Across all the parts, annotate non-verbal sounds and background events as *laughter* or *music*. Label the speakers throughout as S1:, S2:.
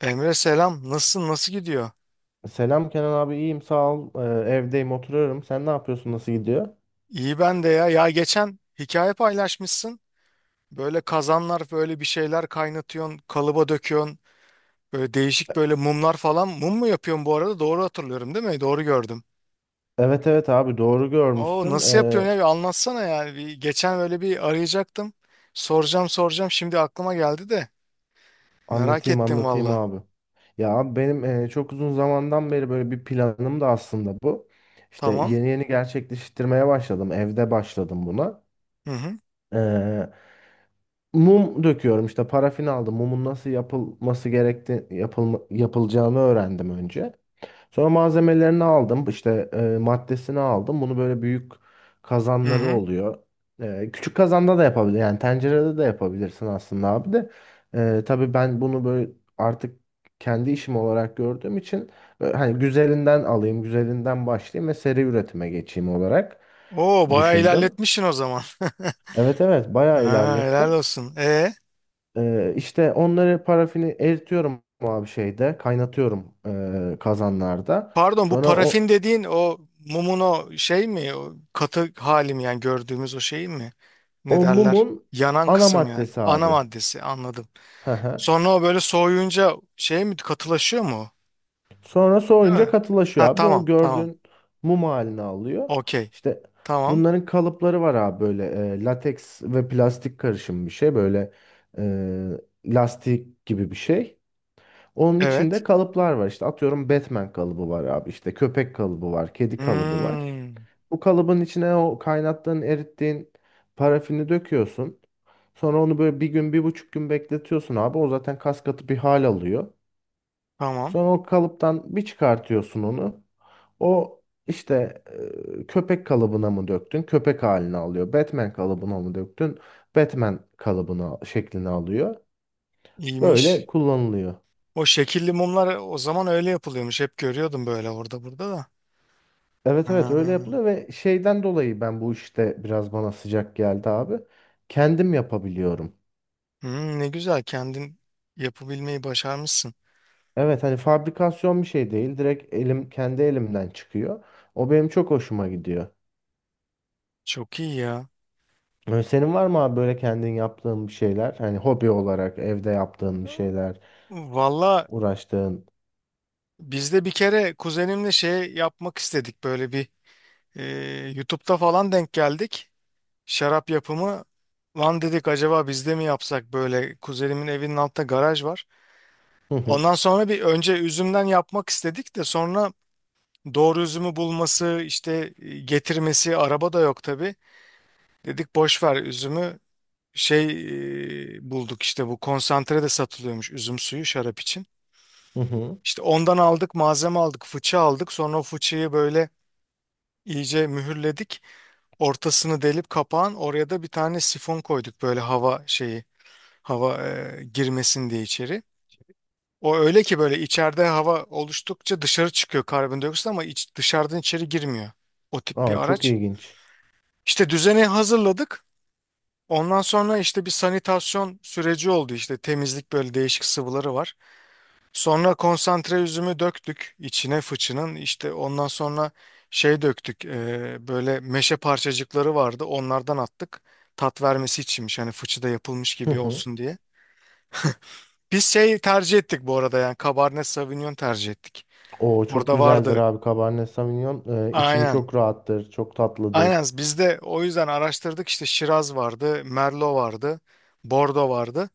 S1: Emre selam. Nasılsın? Nasıl gidiyor?
S2: Selam Kenan abi, iyiyim sağ ol. Evdeyim, oturuyorum. Sen ne yapıyorsun? Nasıl gidiyor?
S1: İyi ben de ya. Ya geçen hikaye paylaşmışsın. Böyle kazanlar böyle bir şeyler kaynatıyorsun, kalıba döküyorsun. Böyle değişik böyle mumlar falan. Mum mu yapıyorsun bu arada? Doğru hatırlıyorum değil mi? Doğru gördüm.
S2: Evet, evet abi, doğru
S1: Oo
S2: görmüşsün.
S1: nasıl yapıyorsun ya? Bir anlatsana yani. Bir, geçen böyle bir arayacaktım. Soracağım soracağım. Şimdi aklıma geldi de. Merak
S2: Anlatayım
S1: ettim
S2: anlatayım
S1: valla.
S2: abi. Ya abi, benim çok uzun zamandan beri böyle bir planım da aslında bu. İşte
S1: Tamam.
S2: yeni yeni gerçekleştirmeye başladım. Evde başladım buna.
S1: Hı hı.
S2: Ee, Mum döküyorum, işte parafin aldım. Mumun nasıl yapılacağını öğrendim önce. Sonra malzemelerini aldım. İşte maddesini aldım. Bunu böyle büyük
S1: Hı
S2: kazanları
S1: hı.
S2: oluyor. Küçük kazanda da yapabilir. Yani tencerede de yapabilirsin aslında abi de. Tabii ben bunu böyle artık kendi işim olarak gördüğüm için hani güzelinden alayım, güzelinden başlayayım ve seri üretime geçeyim olarak
S1: Oo bayağı
S2: düşündüm.
S1: ilerletmişsin o zaman. *laughs*
S2: Evet, evet bayağı
S1: Ha, helal
S2: ilerlettim.
S1: olsun. E?
S2: İşte onları, parafini eritiyorum abi, şeyde kaynatıyorum, kazanlarda.
S1: Pardon, bu
S2: Sonra o
S1: parafin dediğin o mumun o şey mi? O katı hali mi, yani gördüğümüz o şey mi?
S2: O
S1: Ne derler?
S2: mumun
S1: Yanan
S2: ana
S1: kısım yani.
S2: maddesi
S1: Ana
S2: abi.
S1: maddesi, anladım.
S2: Hı hı.
S1: Sonra o böyle soğuyunca şey mi, katılaşıyor mu o?
S2: Sonra
S1: Değil
S2: soğuyunca
S1: mi? Ha,
S2: katılaşıyor abi. O
S1: tamam tamam.
S2: gördüğün mum halini alıyor.
S1: Okey.
S2: İşte
S1: Tamam.
S2: bunların kalıpları var abi, böyle lateks ve plastik karışım bir şey. Böyle e, lastik gibi bir şey. Onun içinde
S1: Evet.
S2: kalıplar var. İşte atıyorum, Batman kalıbı var abi. İşte köpek kalıbı var. Kedi kalıbı var.
S1: Hmm,
S2: Bu kalıbın içine o kaynattığın, erittiğin parafini döküyorsun. Sonra onu böyle bir gün, 1,5 gün bekletiyorsun abi. O zaten kas katı bir hal alıyor.
S1: tamam.
S2: Sonra o kalıptan bir çıkartıyorsun onu. O işte köpek kalıbına mı döktün? Köpek halini alıyor. Batman kalıbına mı döktün? Batman kalıbına şeklini alıyor. Böyle
S1: İyiymiş.
S2: kullanılıyor.
S1: O şekilli mumlar o zaman öyle yapılıyormuş. Hep görüyordum böyle orada burada da.
S2: Evet, evet öyle
S1: Ha.
S2: yapılıyor ve şeyden dolayı ben bu işte biraz bana sıcak geldi abi. Kendim yapabiliyorum.
S1: Hmm, ne güzel kendin yapabilmeyi başarmışsın.
S2: Evet, hani fabrikasyon bir şey değil. Direkt elim, kendi elimden çıkıyor. O benim çok hoşuma gidiyor.
S1: Çok iyi ya.
S2: Senin var mı abi böyle kendin yaptığın bir şeyler? Hani hobi olarak evde yaptığın bir şeyler,
S1: Valla
S2: uğraştığın.
S1: biz de bir kere kuzenimle şey yapmak istedik, böyle bir e, YouTube'da falan denk geldik. Şarap yapımı, lan dedik acaba biz de mi yapsak, böyle kuzenimin evinin altında garaj var.
S2: Hı hı.
S1: Ondan sonra bir, önce üzümden yapmak istedik de sonra doğru üzümü bulması, işte getirmesi, araba da yok tabii. Dedik boş ver üzümü, şey, bulduk işte, bu konsantre de satılıyormuş, üzüm suyu şarap için.
S2: Hı hı.
S1: İşte ondan aldık, malzeme aldık, fıçı aldık. Sonra o fıçıyı böyle iyice mühürledik. Ortasını delip kapağın oraya da bir tane sifon koyduk, böyle hava şeyi, hava girmesin diye içeri. O öyle ki böyle içeride hava oluştukça dışarı çıkıyor karbondioksit, ama dışarıdan içeri girmiyor. O tip bir
S2: Aa, çok
S1: araç.
S2: ilginç.
S1: İşte düzeni hazırladık. Ondan sonra işte bir sanitasyon süreci oldu, işte temizlik, böyle değişik sıvıları var. Sonra konsantre üzümü döktük içine fıçının, işte ondan sonra şey döktük, böyle meşe parçacıkları vardı, onlardan attık, tat vermesi içinmiş, hani fıçıda yapılmış
S2: Hı
S1: gibi
S2: hı.
S1: olsun diye. Biz şey tercih ettik bu arada, yani Cabernet Sauvignon tercih ettik.
S2: Oo, çok
S1: Orada
S2: güzeldir
S1: vardı,
S2: abi Cabernet Sauvignon. İçimi
S1: aynen
S2: çok rahattır, çok tatlıdır.
S1: aynen biz de o yüzden araştırdık, işte Şiraz vardı, Merlot vardı, Bordeaux vardı.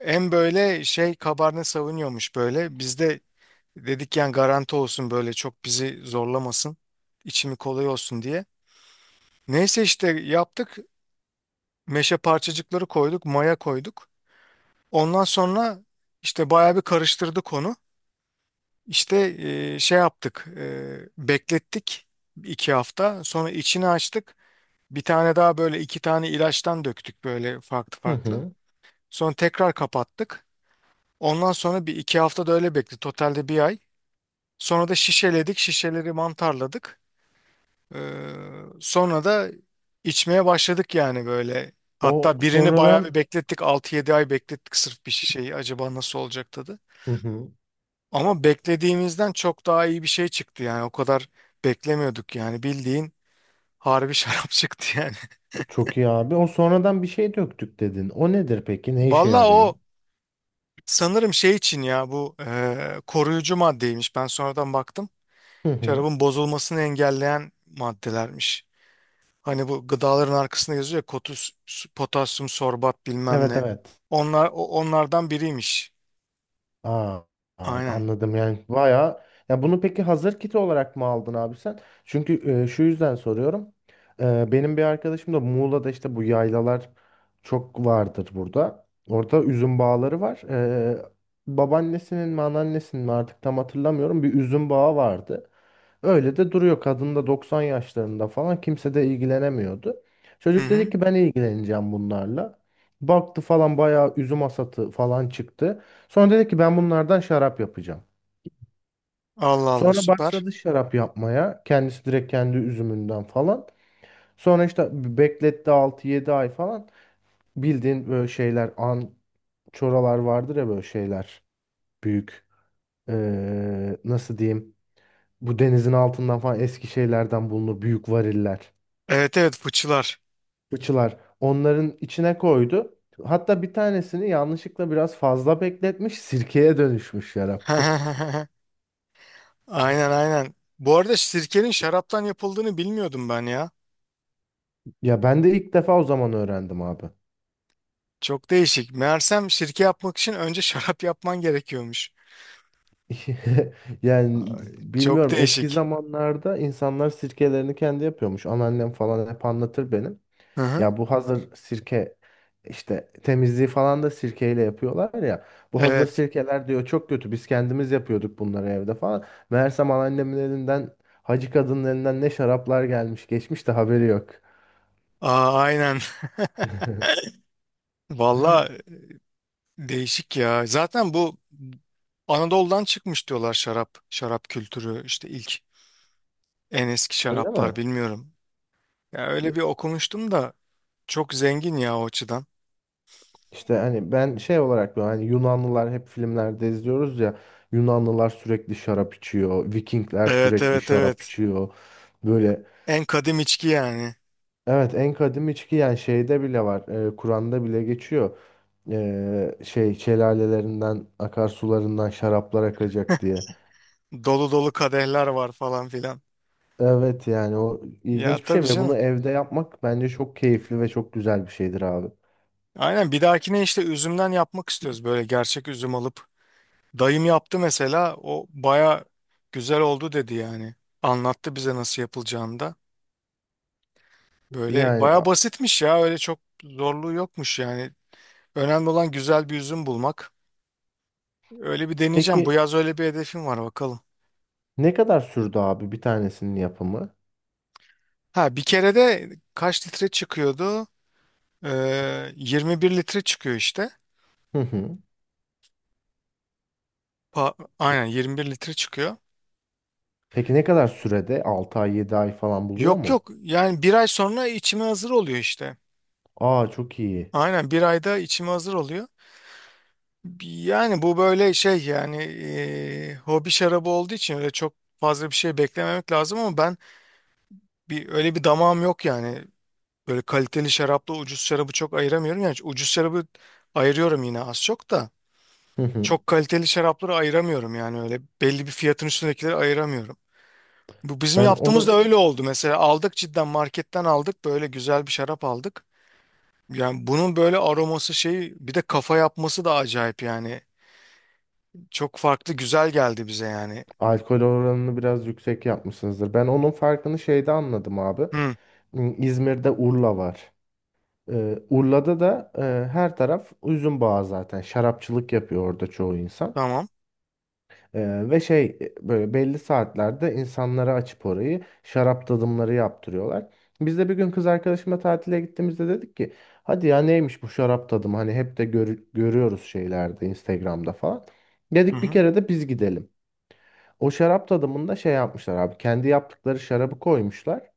S1: En böyle şey Cabernet Sauvignon'muş böyle bizde. Dedik yani garanti olsun, böyle çok bizi zorlamasın, içimi kolay olsun diye. Neyse işte yaptık. Meşe parçacıkları koyduk, maya koyduk. Ondan sonra işte bayağı bir karıştırdık onu. İşte şey yaptık, beklettik iki hafta. Sonra içini açtık. Bir tane daha, böyle iki tane ilaçtan döktük, böyle farklı
S2: Hı
S1: farklı.
S2: hı.
S1: Sonra tekrar kapattık. Ondan sonra bir iki hafta da öyle bekledik. Totalde bir ay. Sonra da şişeledik, şişeleri mantarladık. Ee, Sonra da içmeye başladık yani böyle.
S2: O
S1: Hatta birini bayağı bir
S2: sonradan
S1: beklettik, altı yedi ay beklettik sırf bir şişeyi. Acaba nasıl olacak tadı.
S2: Hı hı.
S1: Ama beklediğimizden çok daha iyi bir şey çıktı yani. O kadar beklemiyorduk yani. Bildiğin harbi *laughs* şarap çıktı yani.
S2: Çok iyi abi. O sonradan bir şey döktük dedin. O nedir peki? Ne işe
S1: Valla
S2: yarıyor?
S1: o sanırım şey için ya, bu koruyucu maddeymiş. Ben sonradan baktım.
S2: Hı hı.
S1: Şarabın bozulmasını engelleyen maddelermiş. Hani bu gıdaların arkasında yazıyor ya, kotus, potasyum sorbat bilmem
S2: Evet,
S1: ne.
S2: evet.
S1: Onlar onlardan biriymiş.
S2: Aa, aa,
S1: Aynen.
S2: anladım, yani bayağı. Ya bunu peki hazır kit olarak mı aldın abi sen? Çünkü şu yüzden soruyorum. Benim bir arkadaşım da Muğla'da, işte bu yaylalar çok vardır burada. Orada üzüm bağları var. Babaannesinin mi, anneannesinin mi artık tam hatırlamıyorum, bir üzüm bağı vardı. Öyle de duruyor. Kadın da 90 yaşlarında falan, kimse de ilgilenemiyordu.
S1: Hı
S2: Çocuk dedi
S1: hı.
S2: ki ben ilgileneceğim bunlarla. Baktı falan, bayağı üzüm asatı falan çıktı. Sonra dedi ki ben bunlardan şarap yapacağım.
S1: Allah Allah,
S2: Sonra
S1: süper.
S2: başladı şarap yapmaya. Kendisi direkt kendi üzümünden falan. Sonra işte bekletti 6-7 ay falan. Bildiğin böyle şeyler çoralar vardır ya böyle şeyler. Büyük, nasıl diyeyim. Bu denizin altından falan eski şeylerden bulunur. Büyük variller.
S1: Evet evet, fıçılar.
S2: Fıçılar, onların içine koydu. Hatta bir tanesini yanlışlıkla biraz fazla bekletmiş, sirkeye dönüşmüş şarap. *laughs*
S1: *laughs* Aynen aynen. Bu arada sirkenin şaraptan yapıldığını bilmiyordum ben ya.
S2: Ya ben de ilk defa o zaman öğrendim abi.
S1: Çok değişik. Meğersem sirke yapmak için önce *laughs* şarap yapman gerekiyormuş.
S2: *laughs* Yani
S1: Ay, çok
S2: bilmiyorum, eski
S1: değişik.
S2: zamanlarda insanlar sirkelerini kendi yapıyormuş. Anneannem falan hep anlatır benim.
S1: Hı hı.
S2: Ya bu hazır sirke, işte temizliği falan da sirkeyle yapıyorlar ya. Bu hazır
S1: Evet.
S2: sirkeler diyor çok kötü. Biz kendimiz yapıyorduk bunları evde falan. Meğersem anneannemin elinden, hacı kadının elinden ne şaraplar gelmiş geçmiş de haberi yok.
S1: Aa, aynen. *laughs* Valla değişik ya. Zaten bu Anadolu'dan çıkmış diyorlar şarap, şarap kültürü işte, ilk en eski
S2: Öyle mi?
S1: şaraplar bilmiyorum. Ya
S2: Ya-
S1: öyle bir okumuştum da, çok zengin ya o açıdan.
S2: İşte hani ben şey olarak diyorum, hani Yunanlılar hep filmlerde izliyoruz ya, Yunanlılar sürekli şarap içiyor, Vikingler
S1: Evet
S2: sürekli
S1: evet
S2: şarap
S1: evet.
S2: içiyor. Böyle
S1: En kadim içki yani.
S2: Evet en kadim içki, yani şeyde bile var. Kur'an'da bile geçiyor. Şey şelalelerinden, akarsularından şaraplar akacak diye.
S1: Dolu dolu kadehler var falan filan.
S2: Evet, yani o
S1: Ya
S2: ilginç bir şey
S1: tabii
S2: ve bunu
S1: canım.
S2: evde yapmak bence çok keyifli ve çok güzel bir şeydir abi.
S1: Aynen, bir dahakine işte üzümden yapmak istiyoruz, böyle gerçek üzüm alıp. Dayım yaptı mesela, o baya güzel oldu dedi yani. Anlattı bize nasıl yapılacağını da. Böyle
S2: Yani
S1: baya
S2: a-
S1: basitmiş ya, öyle çok zorluğu yokmuş yani. Önemli olan güzel bir üzüm bulmak. Öyle bir deneyeceğim. Bu
S2: peki
S1: yaz öyle bir hedefim var, bakalım.
S2: ne kadar sürdü abi bir tanesinin yapımı?
S1: Ha bir kere de kaç litre çıkıyordu? 21 litre çıkıyor işte.
S2: Hı hı. Pe-
S1: Aynen 21 litre çıkıyor.
S2: Peki ne kadar sürede? 6 ay, 7 ay falan buluyor
S1: Yok
S2: mu?
S1: yok, yani bir ay sonra içime hazır oluyor işte.
S2: Aa, çok iyi.
S1: Aynen bir ayda içime hazır oluyor. Yani bu böyle şey yani, hobi şarabı olduğu için öyle çok fazla bir şey beklememek lazım, ama ben bir öyle bir damağım yok yani. Böyle kaliteli şarapla ucuz şarabı çok ayıramıyorum. Yani ucuz şarabı ayırıyorum yine, az çok da.
S2: Hı hı.
S1: Çok kaliteli şarapları ayıramıyorum yani, öyle belli bir fiyatın üstündekileri ayıramıyorum. Bu bizim
S2: Ben
S1: yaptığımız da
S2: onu
S1: öyle oldu. Mesela aldık, cidden marketten aldık böyle güzel bir şarap aldık. Yani bunun böyle aroması şey, bir de kafa yapması da acayip yani. Çok farklı, güzel geldi bize yani.
S2: Alkol oranını biraz yüksek yapmışsınızdır. Ben onun farkını şeyde anladım abi.
S1: Hı,
S2: Hmm, İzmir'de Urla var. Urla'da da her taraf üzüm bağı zaten. Şarapçılık yapıyor orada çoğu insan.
S1: tamam.
S2: Ve şey, böyle belli saatlerde insanlara açıp orayı şarap tadımları yaptırıyorlar. Biz de bir gün kız arkadaşımla tatile gittiğimizde dedik ki hadi ya, neymiş bu şarap tadımı, hani hep de görüyoruz şeylerde, Instagram'da falan.
S1: Hı
S2: Dedik bir
S1: hı,
S2: kere de biz gidelim. O şarap tadımında şey yapmışlar abi. Kendi yaptıkları şarabı koymuşlar.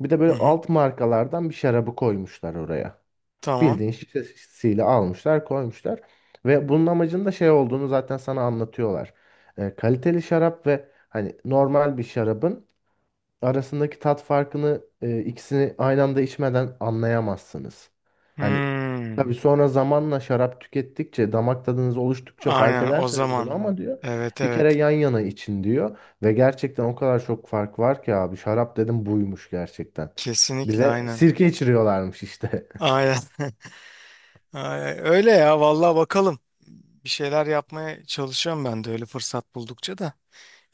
S2: Bir de böyle
S1: hı hı,
S2: alt markalardan bir şarabı koymuşlar oraya.
S1: tamam.
S2: Bildiğin şişesiyle almışlar, koymuşlar. Ve bunun amacının da şey olduğunu zaten sana anlatıyorlar. Kaliteli şarap ve hani normal bir şarabın arasındaki tat farkını ikisini aynı anda içmeden anlayamazsınız. Hani tabii
S1: Hmm,
S2: sonra zamanla şarap tükettikçe, damak tadınız oluştukça fark
S1: aynen o
S2: edersiniz bunu
S1: zaman.
S2: ama diyor
S1: Evet
S2: bir kere
S1: evet.
S2: yan yana için diyor ve gerçekten o kadar çok fark var ki abi, şarap dedim buymuş gerçekten.
S1: Kesinlikle
S2: Bize
S1: aynen.
S2: sirke içiriyorlarmış işte.
S1: Aynen. *laughs* Aynen. Öyle ya, vallahi bakalım. Bir şeyler yapmaya çalışıyorum ben de öyle, fırsat buldukça da.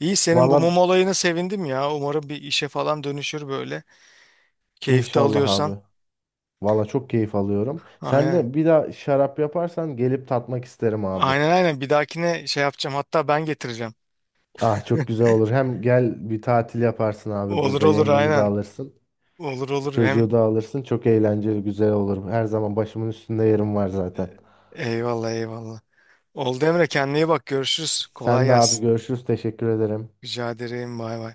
S1: İyi, senin bu
S2: Valla
S1: mum olayına sevindim ya. Umarım bir işe falan dönüşür böyle. Keyif de
S2: inşallah
S1: alıyorsan.
S2: abi. Valla çok keyif alıyorum. Sen
S1: Aynen.
S2: de bir daha şarap yaparsan gelip tatmak isterim abi.
S1: Aynen aynen, bir dahakine şey yapacağım, hatta ben getireceğim.
S2: Ah çok güzel olur. Hem gel bir tatil yaparsın abi
S1: Olur
S2: burada.
S1: olur
S2: Yengemi de
S1: aynen.
S2: alırsın.
S1: Olur olur, hem
S2: Çocuğu da alırsın. Çok eğlenceli, güzel olur. Her zaman başımın üstünde yerim var zaten.
S1: eyvallah eyvallah. Oldu Emre, kendine iyi bak, görüşürüz. Kolay
S2: Sen de abi
S1: gelsin.
S2: görüşürüz. Teşekkür ederim.
S1: Rica ederim, bay bay.